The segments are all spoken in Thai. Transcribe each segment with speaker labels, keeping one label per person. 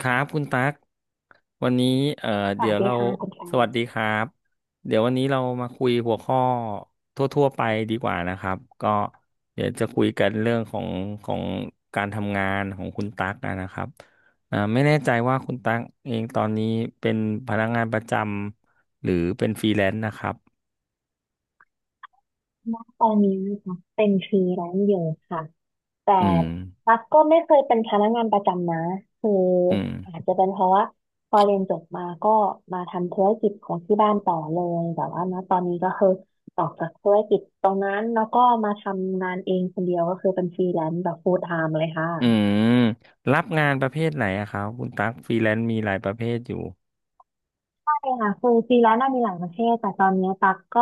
Speaker 1: ครับคุณตั๊กวันนี้เอ่อ
Speaker 2: ส
Speaker 1: เดี๋
Speaker 2: วั
Speaker 1: ย
Speaker 2: ส
Speaker 1: ว
Speaker 2: ดี
Speaker 1: เรา
Speaker 2: ค่ะคุณแฟ
Speaker 1: ส
Speaker 2: น
Speaker 1: วัสดีครับเดี๋ยววันนี้เรามาคุยหัวข้อทั่วๆไปดีกว่านะครับก็เดี๋ยวจะคุยกันเรื่องของของการทำงานของคุณตั๊กนะครับไม่แน่ใจว่าคุณตั๊กเองตอนนี้เป็นพนักงานประจำหรือเป็นฟรีแลนซ์นะครับ
Speaker 2: ณตอนนี้นะคะเป็นฟรีแลนซ์อยู่ค่ะแต่
Speaker 1: อืม
Speaker 2: ตั๊กก็ไม่เคยเป็นพนักงานประจำนะคือ
Speaker 1: อืม
Speaker 2: อาจจะเป็นเพราะว่าพอเรียนจบมาก็มาทำธุรกิจของที่บ้านต่อเลยแต่ว่าณตอนนี้ก็คือออกจากธุรกิจตรงนั้นแล้วก็มาทำงานเองคนเดียวก็คือเป็นฟรีแลนซ์แบบ full time เลยค่ะ
Speaker 1: อืมรับงานประเภทไหนอะครับคุณตั๊กฟรีแลนซ์มีหลายประเภทอยู่
Speaker 2: ใช่ค่ะคือฟรีแลนซ์น่ะมีหลายประเภทแต่ตอนนี้ตักก็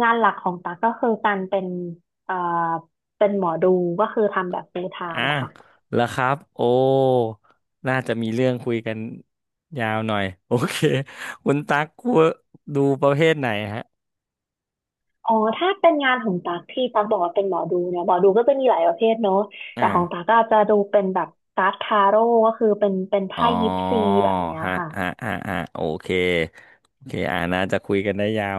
Speaker 2: งานหลักของตักก็คือการเป็นเอ่อเป็นหมอดูก็คือทำแบบ full
Speaker 1: อ่ะ
Speaker 2: time ค่ะ
Speaker 1: แล้วครับโอ้น่าจะมีเรื่องคุยกันยาวหน่อยโอเคคุณตั๊กกลัวดูประเภทไหนฮะ
Speaker 2: อ๋อถ้าเป็นงานของตักที่ตักบอกว่าเป็นหมอดูเนี่ยหมอดูก็จะมีหลายประเภทเนอะ
Speaker 1: อ่า
Speaker 2: แต่ของตักก็จะดูเป็นแบบการ์ดทาโร่ก็คือเป็น
Speaker 1: อ๋อ
Speaker 2: ไพ่ยิปซีแบบเนี้ย
Speaker 1: ฮะ
Speaker 2: ค่ะ
Speaker 1: ฮะฮะฮะโอเคโอเคน่าจะคุยกันได้ยาว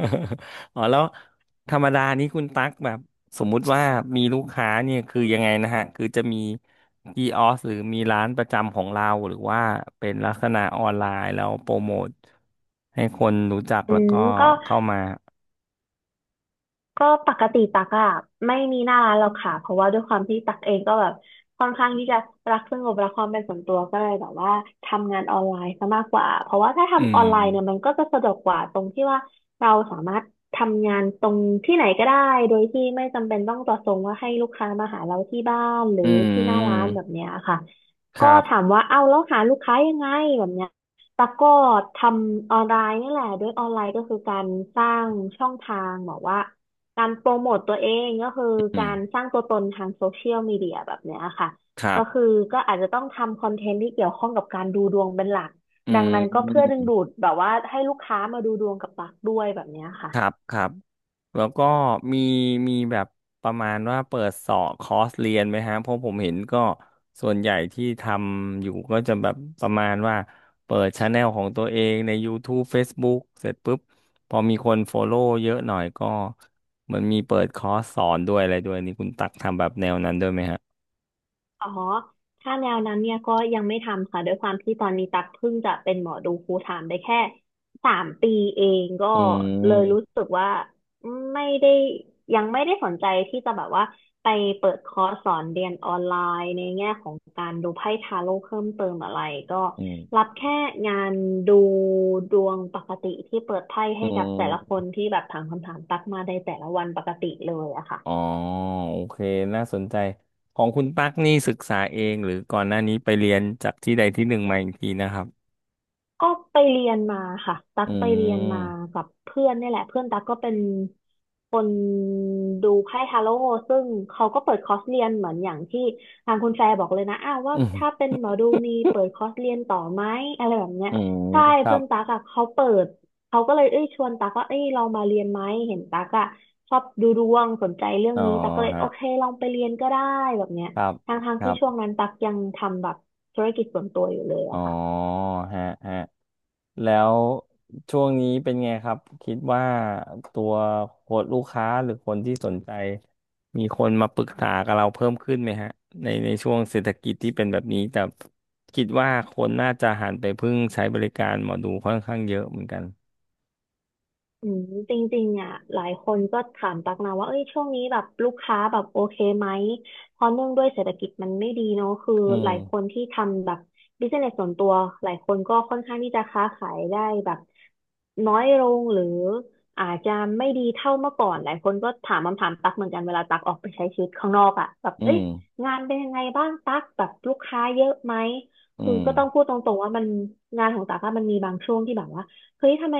Speaker 1: อ๋อแล้วธรรมดานี้คุณตั๊กแบบสมมุติว่ามีลูกค้าเนี่ยคือยังไงนะฮะคือจะมีกีออสหรือมีร้านประจำของเราหรือว่าเป็นลักษณะออนไลน์แล้วโปรโมทให้คนรู้จัก
Speaker 2: อื
Speaker 1: แล้ว
Speaker 2: ม
Speaker 1: ก็
Speaker 2: ก็
Speaker 1: เข้ามา
Speaker 2: ก็ปกติตักอะไม่มีหน้าร้านหรอกค่ะเพราะว่าด้วยความที่ตักเองก็แบบค่อนข้างที่จะรักสงบรักความเป็นส่วนตัวก็เลยแบบว่าทำงานออนไลน์ซะมากกว่าเพราะว่าถ้า
Speaker 1: อื
Speaker 2: ทำ
Speaker 1: ม
Speaker 2: ออนไลน์เนี่ยมันก็จะสะดวกกว่าตรงที่ว่าเราสามารถทำงานตรงที่ไหนก็ได้โดยที่ไม่จำเป็นต้องต่อส่งว่าให้ลูกค้ามาหาเราที่บ้านหรือ
Speaker 1: อื
Speaker 2: ที่หน้าร้านแบบ
Speaker 1: ม
Speaker 2: เนี้ยค่ะ
Speaker 1: ค
Speaker 2: ก็
Speaker 1: รั
Speaker 2: ถาม
Speaker 1: บ
Speaker 2: ว่าเอ้าแล้วหาลูกค้ายังไงแบบเนี้ยตักก็ทำออนไลน์นี่แหละด้วยออนไลน์ก็คือการสร้างช่องทางบอกว่า การโปรโมตตัวเองก็คือ
Speaker 1: อื
Speaker 2: การส
Speaker 1: ม
Speaker 2: ร้างตัวตนทางโซเชียลมีเดียแบบเนี้ยค่ะ
Speaker 1: ครั
Speaker 2: ก็คื
Speaker 1: บ
Speaker 2: อก็อาจจะต้องทำคอนเทนต์ที่เกี่ยวข้องกับการดูดวงเป็นหลัก
Speaker 1: อื
Speaker 2: ดัง
Speaker 1: ม
Speaker 2: นั้นก็เพื่อดึงดูดแบบว่าให้ลูกค้ามาดูดวงกับปักด้วยแบบเนี้ยค่ะ
Speaker 1: ครับครับแล้วก็มีมีแบบประมาณว่าเปิดสอบคอร์สเรียนไหมฮะเพราะผมเห็นก็ส่วนใหญ่ที่ทำอยู่ก็จะแบบประมาณว่าเปิดช anel ของตัวเองใน YouTube Facebook เสร็จปุ๊บพอมีคน follow เยอะหน่อยก็เหมือนมีเปิดคอร์สสอนด้วยอะไรด้วยนี่คุณตักทำแบบแนวนั้นด้วยไหมฮะ
Speaker 2: อ๋อถ้าแนวนั้นเนี่ยก็ยังไม่ทำค่ะด้วยความที่ตอนนี้ตักเพิ่งจะเป็นหมอดูฟูลไทม์ได้แค่3 ปีเองก็
Speaker 1: อื
Speaker 2: เลยรู้
Speaker 1: ม
Speaker 2: สึกว่าไม่ได้ยังไม่ได้สนใจที่จะแบบว่าไปเปิดคอร์สสอนเรียนออนไลน์ในแง่ของการดูไพ่ทาโร่เพิ่มเติมอะไรก็
Speaker 1: อื
Speaker 2: รั
Speaker 1: ม
Speaker 2: บแค่งานดูดวงปกติที่เปิดไพ่
Speaker 1: อื
Speaker 2: ให้กับแต่ละค
Speaker 1: ม
Speaker 2: นที่แบบถามคำถามตักมาในแต่ละวันปกติเลยอะ
Speaker 1: อ๋อ
Speaker 2: ค่ะ
Speaker 1: โอเคน่าสนใจของคุณตั๊กนี่ศึกษาเองหรือก่อนหน้านี้ไปเรียนจากที่ใดที่หนึ่งมาอีกทีนะครับ
Speaker 2: ก็ไปเรียนมาค่ะตัก
Speaker 1: อื
Speaker 2: ไปเรียนมา
Speaker 1: ม
Speaker 2: กับเพื่อนเนี่ยแหละเพื่อนตักก็เป็นคนดูไพ่ทาโร่ซึ่งเขาก็เปิดคอร์สเรียนเหมือนอย่างที่ทางคุณแฟร์บอกเลยนะอ้าวว่า
Speaker 1: อืม
Speaker 2: ถ้าเป็นหมอดูมีเปิดคอร์สเรียนต่อไหมอะไรแบบเนี้ย
Speaker 1: อืม
Speaker 2: ใช่
Speaker 1: ครั
Speaker 2: เพื่
Speaker 1: บ
Speaker 2: อนตักอะเขาเปิดเขาก็เลยเอ้ยชวนตักว่าเอ้ยลองมาเรียนไหมเห็นตักอะชอบดูดวงสนใจเรื่อง
Speaker 1: อ๋อ
Speaker 2: นี้ตักก็เลย
Speaker 1: ฮะ
Speaker 2: โอเคลองไปเรียนก็ได้แบบเนี้ย
Speaker 1: ครับ
Speaker 2: ทางทาง
Speaker 1: ค
Speaker 2: ๆ
Speaker 1: รั
Speaker 2: ที่ช่วง
Speaker 1: บ
Speaker 2: นั้นตักยังทำแบบธุรกิจส่วนตัวอยู่เลย
Speaker 1: อ๋อ
Speaker 2: อะค่ะ
Speaker 1: ฮะฮะ แล้วช่วงนี้เป็นไงครับคิดว่าตัวคนลูกค้าหรือคนที่สนใจมีคนมาปรึกษากับเราเพิ่มขึ้นไหมฮะในช่วงเศรษฐกิจที่เป็นแบบนี้แต่คิดว่าคนน่าจะหันไปพึ่งใช้บริการหมอดูค่อนข้างเยอะเหมือนกัน
Speaker 2: อืมจริงๆอ่ะหลายคนก็ถามตักนะว่าเอ้ยช่วงนี้แบบลูกค้าแบบโอเคไหม เพราะเนื่องด้วยเศรษฐกิจมันไม่ดีเนาะคือ
Speaker 1: อืม
Speaker 2: หลายคนที่ทำแบบบิสเนสส่วนตัวหลายคนก็ค่อนข้างที่จะค้าขายได้แบบน้อยลงหรืออาจจะไม่ดีเท่าเมื่อก่อนหลายคนก็ถามคำถามตักเหมือนกันเวลาตักออกไปใช้ชีวิตข้างนอกอ่ะแบบ
Speaker 1: อื
Speaker 2: เอ้ย
Speaker 1: ม
Speaker 2: งานเป็นยังไงบ้างตักแบบลูกค้าเยอะไหม
Speaker 1: อื
Speaker 2: คือ
Speaker 1: ม
Speaker 2: ก็ต้องพูดตรงๆว่ามันงานของตากอะมันมีบางช่วงที่แบบว่า เฮ้ยทำไม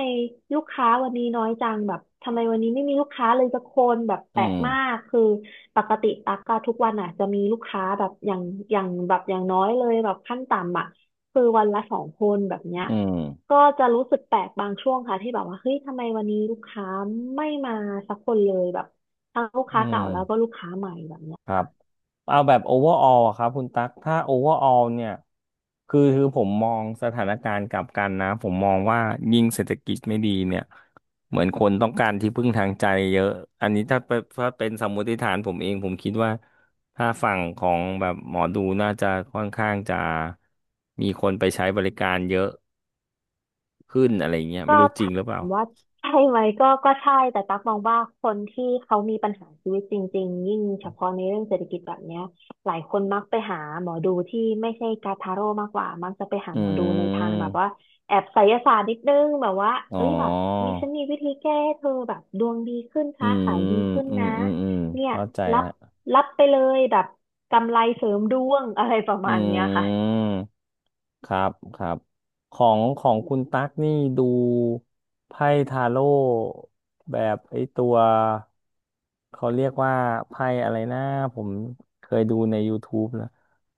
Speaker 2: ลูกค้าวันนี้น้อยจังแบบทำไมวันนี้ไม่มีลูกค้าเลยสักคนแบบแป
Speaker 1: อื
Speaker 2: ลก
Speaker 1: ม
Speaker 2: มาก คือปกติตักก็ทุกวันอ่ะจะมีลูกค้าแบบอย่างอย่างแบบอย่างน้อยเลยแบบขั้นต่ำอ่ะคือวันละสองคนแบบเนี้ย
Speaker 1: อืม
Speaker 2: ก็จะรู้สึกแปลกบางช่วงค่ะที่แบบว่าเฮ้ยทำไมวันนี้ลูกค้าไม่มาสักคนเลยแบบทั้งลูก
Speaker 1: อื
Speaker 2: ค้าเก่าแล้วก็
Speaker 1: ม
Speaker 2: ลูกค้าใหม่แบบเนี้
Speaker 1: ครั
Speaker 2: ย
Speaker 1: บเอาแบบ overall อะครับคุณตั๊กถ้า overall เนี่ยคือผมมองสถานการณ์กลับกันนะผมมองว่ายิ่งเศรษฐกิจไม่ดีเนี่ยเหมือนคนต้องการที่พึ่งทางใจเยอะอันนี้ถ้าเป็นสมมติฐานผมเองผมคิดว่าถ้าฝั่งของแบบหมอดูน่าจะค่อนข้างจะมีคนไปใช้บริการเยอะขึ้นอะไรเงี้ย
Speaker 2: ก็
Speaker 1: ไม่รู้จริง
Speaker 2: ถา
Speaker 1: หรือเปล่า
Speaker 2: มว่าใช่ไหมก็ใช่แต่ตั๊กมองว่าคนที่เขามีปัญหาชีวิตจริงๆยิ่งเฉพาะในเรื่องเศรษฐกิจแบบเนี้ยหลายคนมักไปหาหมอดูที่ไม่ใช่กาทาโร่มากกว่ามักจะไปหา
Speaker 1: อื
Speaker 2: หมอดูในทางแบบ
Speaker 1: ม
Speaker 2: ว่าแอบไสยศาสตร์นิดนึงแบบว่า
Speaker 1: อ๋อ
Speaker 2: เอ้ยแบบมีฉันมีวิธีแก้ให้เธอแบบดวงดีขึ้น
Speaker 1: อื
Speaker 2: ค้า
Speaker 1: ม
Speaker 2: ขายดีขึ้นนะ
Speaker 1: อืม
Speaker 2: เนี่ย
Speaker 1: เข้าใจ
Speaker 2: รับ
Speaker 1: ฮะ
Speaker 2: รับไปเลยแบบกำไรเสริมดวงอะไรประมาณเนี้ย
Speaker 1: อื
Speaker 2: ค่ะ
Speaker 1: มครับครับของของคุณตั๊กนี่ดูไพ่ทาโร่แบบไอ้ตัวเขาเรียกว่าไพ่อะไรนะผมเคยดูใน YouTube นะ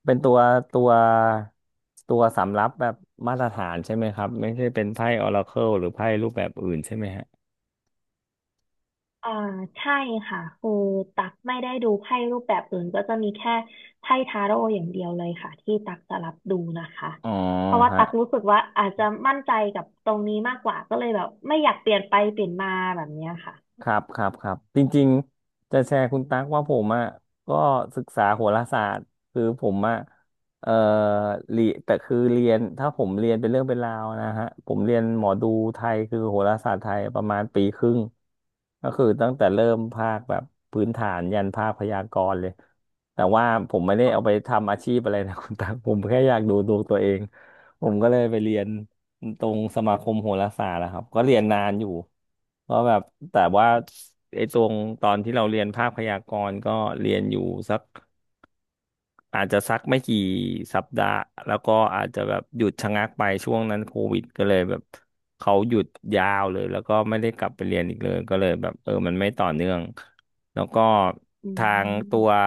Speaker 1: เป็นตัวตัวตัวสำรับแบบมาตรฐานใช่ไหมครับไม่ใช่เป็นไพ่ออราเคิลหรือไพ่รูปแบบอื่นใช่ไหมฮะ
Speaker 2: อ่าใช่ค่ะคือตักไม่ได้ดูไพ่รูปแบบอื่นก็จะมีแค่ไพ่ทาโร่อย่างเดียวเลยค่ะที่ตักจะรับดูนะคะ
Speaker 1: อ๋อ
Speaker 2: เพราะว่า
Speaker 1: ฮะ
Speaker 2: ตักรู้สึกว่าอาจจะมั่นใจกับตรงนี้มากกว่าก็เลยแบบไม่อยากเปลี่ยนไปเปลี่ยนมาแบบเนี้ยค่ะ
Speaker 1: ครับจริงๆจะแชร์คุณตั๊กว่าผมอ่ะก็ศึกษาโหราศาสตร์คือผมอ่ะเอ่อเรียแต่คือเรียนถ้าผมเรียนเป็นเรื่องเป็นราวนะฮะผมเรียนหมอดูไทยคือโหราศาสตร์ไทยประมาณปีครึ่งก็คือตั้งแต่เริ่มภาคแบบพื้นฐานยันภาคพยากรณ์เลยแต่ว่าผมไม่ได้เอาไป
Speaker 2: ค่ะ
Speaker 1: ทำอาชีพอะไรนะ คุณตั๊กผมแค่อยากดูดวงตัวเองผมก็เลยไปเรียน ตรงสมาคมโหราศาสตร์นะครับก็เรียนนานอยู่เพราะแบบแต่ว่าไอ้ตรงตอนที่เราเรียนภาคพยากรณ์ก็เรียนอยู่สัก อาจจะสักไม่กี่สัปดาห์แล้วก็อาจจะแบบหยุดชะงักไปช่วงนั้นโควิดก็เลยแบบเขาหยุดยาวเลยแล้วก็ไม่ได้กลับไปเรียนอีกเลยก็เลยแบบเออมันไม่ต่อเนื่องแล้วก็
Speaker 2: อื
Speaker 1: ทางตัว
Speaker 2: ม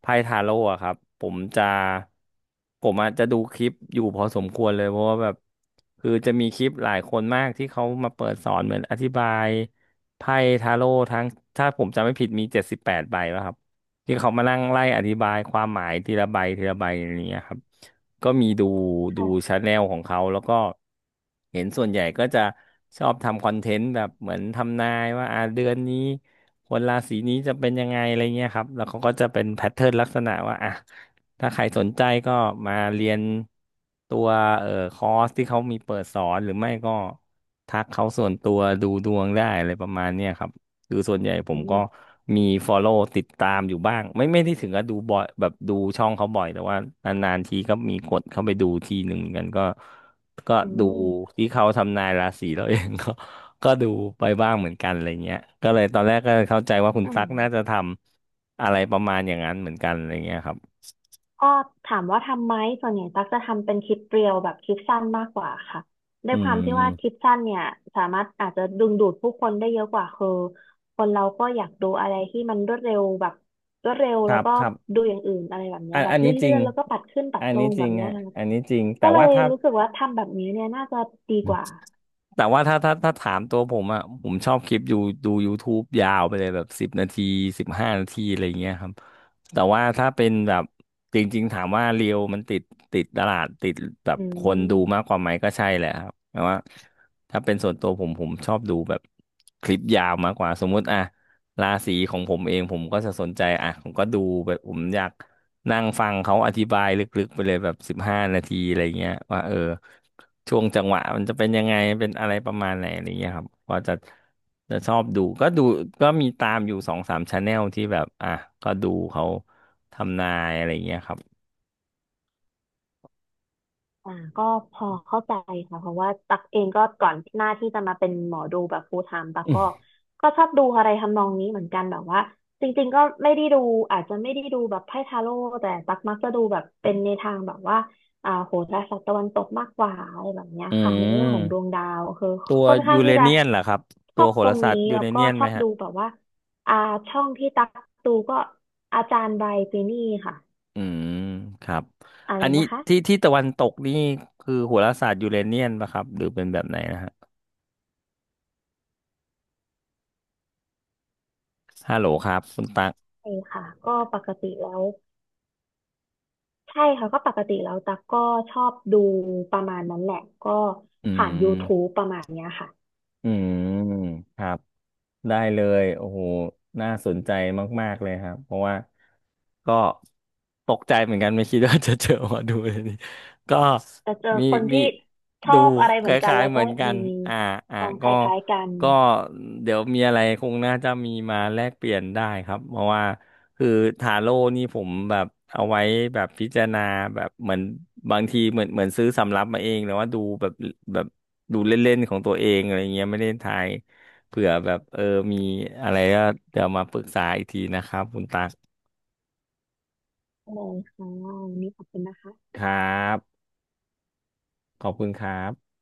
Speaker 1: ไพ่ทาโร่อะครับผมอาจจะดูคลิปอยู่พอสมควรเลยเพราะว่าแบบคือจะมีคลิปหลายคนมากที่เขามาเปิดสอนเหมือนอธิบายไพ่ทาโร่ทั้งถ้าผมจำไม่ผิดมี78ใบแล้วครับ ที่เขามานั่งไล่อธิบายความหมายทีละใบทีละใบอะไรเงี้ยครับก็มีดูดู
Speaker 2: ค่ะ
Speaker 1: ชาแนลของเขาแล้วก็เห็นส่วนใหญ่ก็จะชอบทำคอนเทนต์แบบเหมือนทำนายว่าอ่าเดือนนี้คนราศีนี้จะเป็นยังไงอะไรเงี้ยครับแล้วเขาก็จะเป็นแพทเทิร์นลักษณะว่าอ่ะถ้าใครสนใจก็มาเรียนตัวคอร์สที่เขามีเปิดสอนหรือไม่ก็ทักเขาส่วนตัวดูดวงได้อะไรประมาณเนี้ยครับ คือส่วนใหญ่ผ
Speaker 2: อื
Speaker 1: มก็
Speaker 2: ม
Speaker 1: มี follow ติดตามอยู่บ้างไม่ได้ถึงกับดูบ่อยแบบดูช่องเขาบ่อยแต่ว่านานๆทีก็มีกดเข้าไปดูทีหนึ่งเหมือนกันก็
Speaker 2: อื
Speaker 1: ดู
Speaker 2: ม
Speaker 1: ที่เขาทำนายราศีเราเองก็ ก็ดูไปบ้างเหมือนกันอะไรเงี้ยก็เลยตอนแรกก็เข้าใจว่าคุณ
Speaker 2: อืม
Speaker 1: ตั๊กน่าจะทำอะไรประมาณอย่างนั้นเหมือนกันอะไรเงี้ยครับ
Speaker 2: ก็ถามว่าทำไหมส่วนใหญ่ตั๊กจะทำเป็นคลิปเรียวแบบคลิปสั้นมากกว่าค่ะด้
Speaker 1: อื
Speaker 2: วยความที่ว่าคลิ
Speaker 1: ม
Speaker 2: ปสั้นเนี่ยสามารถอาจจะดึงดูดผู้คนได้เยอะกว่าคือคนเราก็อยากดูอะไรที่มันรวดเร็วแบบรวดเร็ว
Speaker 1: ค
Speaker 2: แล้ว
Speaker 1: รับ
Speaker 2: ก็
Speaker 1: ครับ
Speaker 2: ดูอย่างอื่นอะไรแบบเนี้
Speaker 1: อั
Speaker 2: ย
Speaker 1: น
Speaker 2: แบบ
Speaker 1: อัน
Speaker 2: เล
Speaker 1: นี้จ
Speaker 2: ื่
Speaker 1: ริง
Speaker 2: อนๆแล้วก็ปัดขึ้นปัด
Speaker 1: อัน
Speaker 2: ล
Speaker 1: นี้
Speaker 2: ง
Speaker 1: จ
Speaker 2: แบ
Speaker 1: ริง
Speaker 2: บเนี้ย
Speaker 1: ฮะ
Speaker 2: ค่ะ
Speaker 1: อันนี้จริงแต่
Speaker 2: ก็เล
Speaker 1: ว่า
Speaker 2: ย
Speaker 1: ถ้า
Speaker 2: รู้สึกว่าทำแบบนี้เนี่ยน่าจะดีกว่า
Speaker 1: แต่ว่าถ้าถามตัวผมอ่ะผมชอบคลิปดูดู YouTube ยาวไปเลยแบบ10 นาทีสิบห้านาทีอะไรอย่างเงี้ยครับแต่ว่าถ้าเป็นแบบจริงๆถามว่าเรียวมันติดติดตลาดติดแบบ
Speaker 2: อื
Speaker 1: คนดูมาก
Speaker 2: ม
Speaker 1: กว่าไหมก็ใช่แหละครับแต่ว่าถ้าเป็นส่วนตัวผมชอบดูแบบคลิปยาวมากกว่าสมมุติอ่ะราศีของผมเองผมก็จะสนใจอ่ะผมก็ดูแบบผมอยาก นั่งฟังเขาอธิบายลึกๆไปเลยแบบสิบห้านาทีอะไรเงี้ยว่าเออช่วงจังหวะมันจะเป็นยังไงเป็นอะไรประมาณไหนอะไรเงี้ยครับก็จะชอบดูก็ดูก็มีตามอยู่สองสามชาแนลที่แบบอ่ะก็ดูเขาทำนายอะไรเงี้ยครับ
Speaker 2: อ่าก็พอเข้าใจค่ะเพราะว่าตักเองก็ก่อนหน้าที่จะมาเป็นหมอดูแบบ full time ตัก
Speaker 1: อื
Speaker 2: ก็
Speaker 1: ม
Speaker 2: ก็ชอบดูอะไรทำนองนี้เหมือนกันแบบว่าจริงๆก็ไม่ได้ดูอาจจะไม่ได้ดูแบบไพ่ทาโร่แต่ตักมักจะดูแบบเป็นในทางแบบว่าอ่าโหราศาสตร์ตะวันตกมากกว่าอะไรแบบเนี้ย
Speaker 1: อื
Speaker 2: ค่ะในเรื่องของดวง
Speaker 1: ม
Speaker 2: ดาวคือ
Speaker 1: ตัว
Speaker 2: ค่อนข้า
Speaker 1: ยู
Speaker 2: ง
Speaker 1: เร
Speaker 2: ที่จะ
Speaker 1: เนียนเหรอครับ
Speaker 2: ช
Speaker 1: ตั
Speaker 2: อ
Speaker 1: ว
Speaker 2: บ
Speaker 1: โห
Speaker 2: ตร
Speaker 1: รา
Speaker 2: ง
Speaker 1: ศาส
Speaker 2: นี้
Speaker 1: ตร์ยู
Speaker 2: แล้ว
Speaker 1: เร
Speaker 2: ก็
Speaker 1: เนียน
Speaker 2: ช
Speaker 1: ไห
Speaker 2: อ
Speaker 1: ม
Speaker 2: บ
Speaker 1: ฮะ
Speaker 2: ดูแบบว่าอ่าช่องที่ตักดูก็อาจารย์ไบรท์ปีนี่ค่ะ
Speaker 1: อืมครับ
Speaker 2: อะไร
Speaker 1: อันนี้
Speaker 2: นะคะ
Speaker 1: ที่ตะวันตกนี่คือโหราศาสตร์ยูเรเนียนปะครับหรือเป็นแบบไหนนะฮะฮัลโหลครับคุณตัก
Speaker 2: ใช่ค่ะก็ปกติแล้ว ใช่ค่ะก็ปกติแล้วตักก็ชอบดูประมาณนั้นแหละก็
Speaker 1: อื
Speaker 2: ผ่าน
Speaker 1: ม
Speaker 2: YouTube ประมาณเนี้ยค่ะ
Speaker 1: อืมครับ ได้เลยโอ้โหน่าสนใจมากๆเลยครับเพราะว่าก็ตกใจเหมือนกันไม่คิดว่าจะเจอหมาดูเลยนี่ก็
Speaker 2: จะเจอ
Speaker 1: มี
Speaker 2: คน
Speaker 1: มี
Speaker 2: ที่ชอ
Speaker 1: ดู
Speaker 2: บอะไร
Speaker 1: ค
Speaker 2: เหมือนกัน
Speaker 1: ล้าย
Speaker 2: แล้
Speaker 1: ๆ
Speaker 2: ว
Speaker 1: เห
Speaker 2: ก็
Speaker 1: มือนกั
Speaker 2: มี
Speaker 1: นอ่าอ่า
Speaker 2: ความค
Speaker 1: ก็
Speaker 2: ล้ายๆกัน
Speaker 1: ก็เดี๋ยวมีอะไรคงน่าจะมีมาแลกเปลี่ยนได้ครับเพราะว่าคือทาโร่นี่ผมแบบเอาไว้แบบพิจารณาแบบเหมือนบางทีเหมือนซื้อสำรับมาเองหรือว่าดูแบบแบบดูเล่นๆของตัวเองอะไรเงี้ยไม่ได้ทาย เผื่อแบบเออมีอะไรก็เดี๋ยวมาปรึกษาอีกทีนะครับคุณตัก
Speaker 2: เลยค่ะวันนี้ขอบคุณนะคะ
Speaker 1: ครับขอบคุณครับ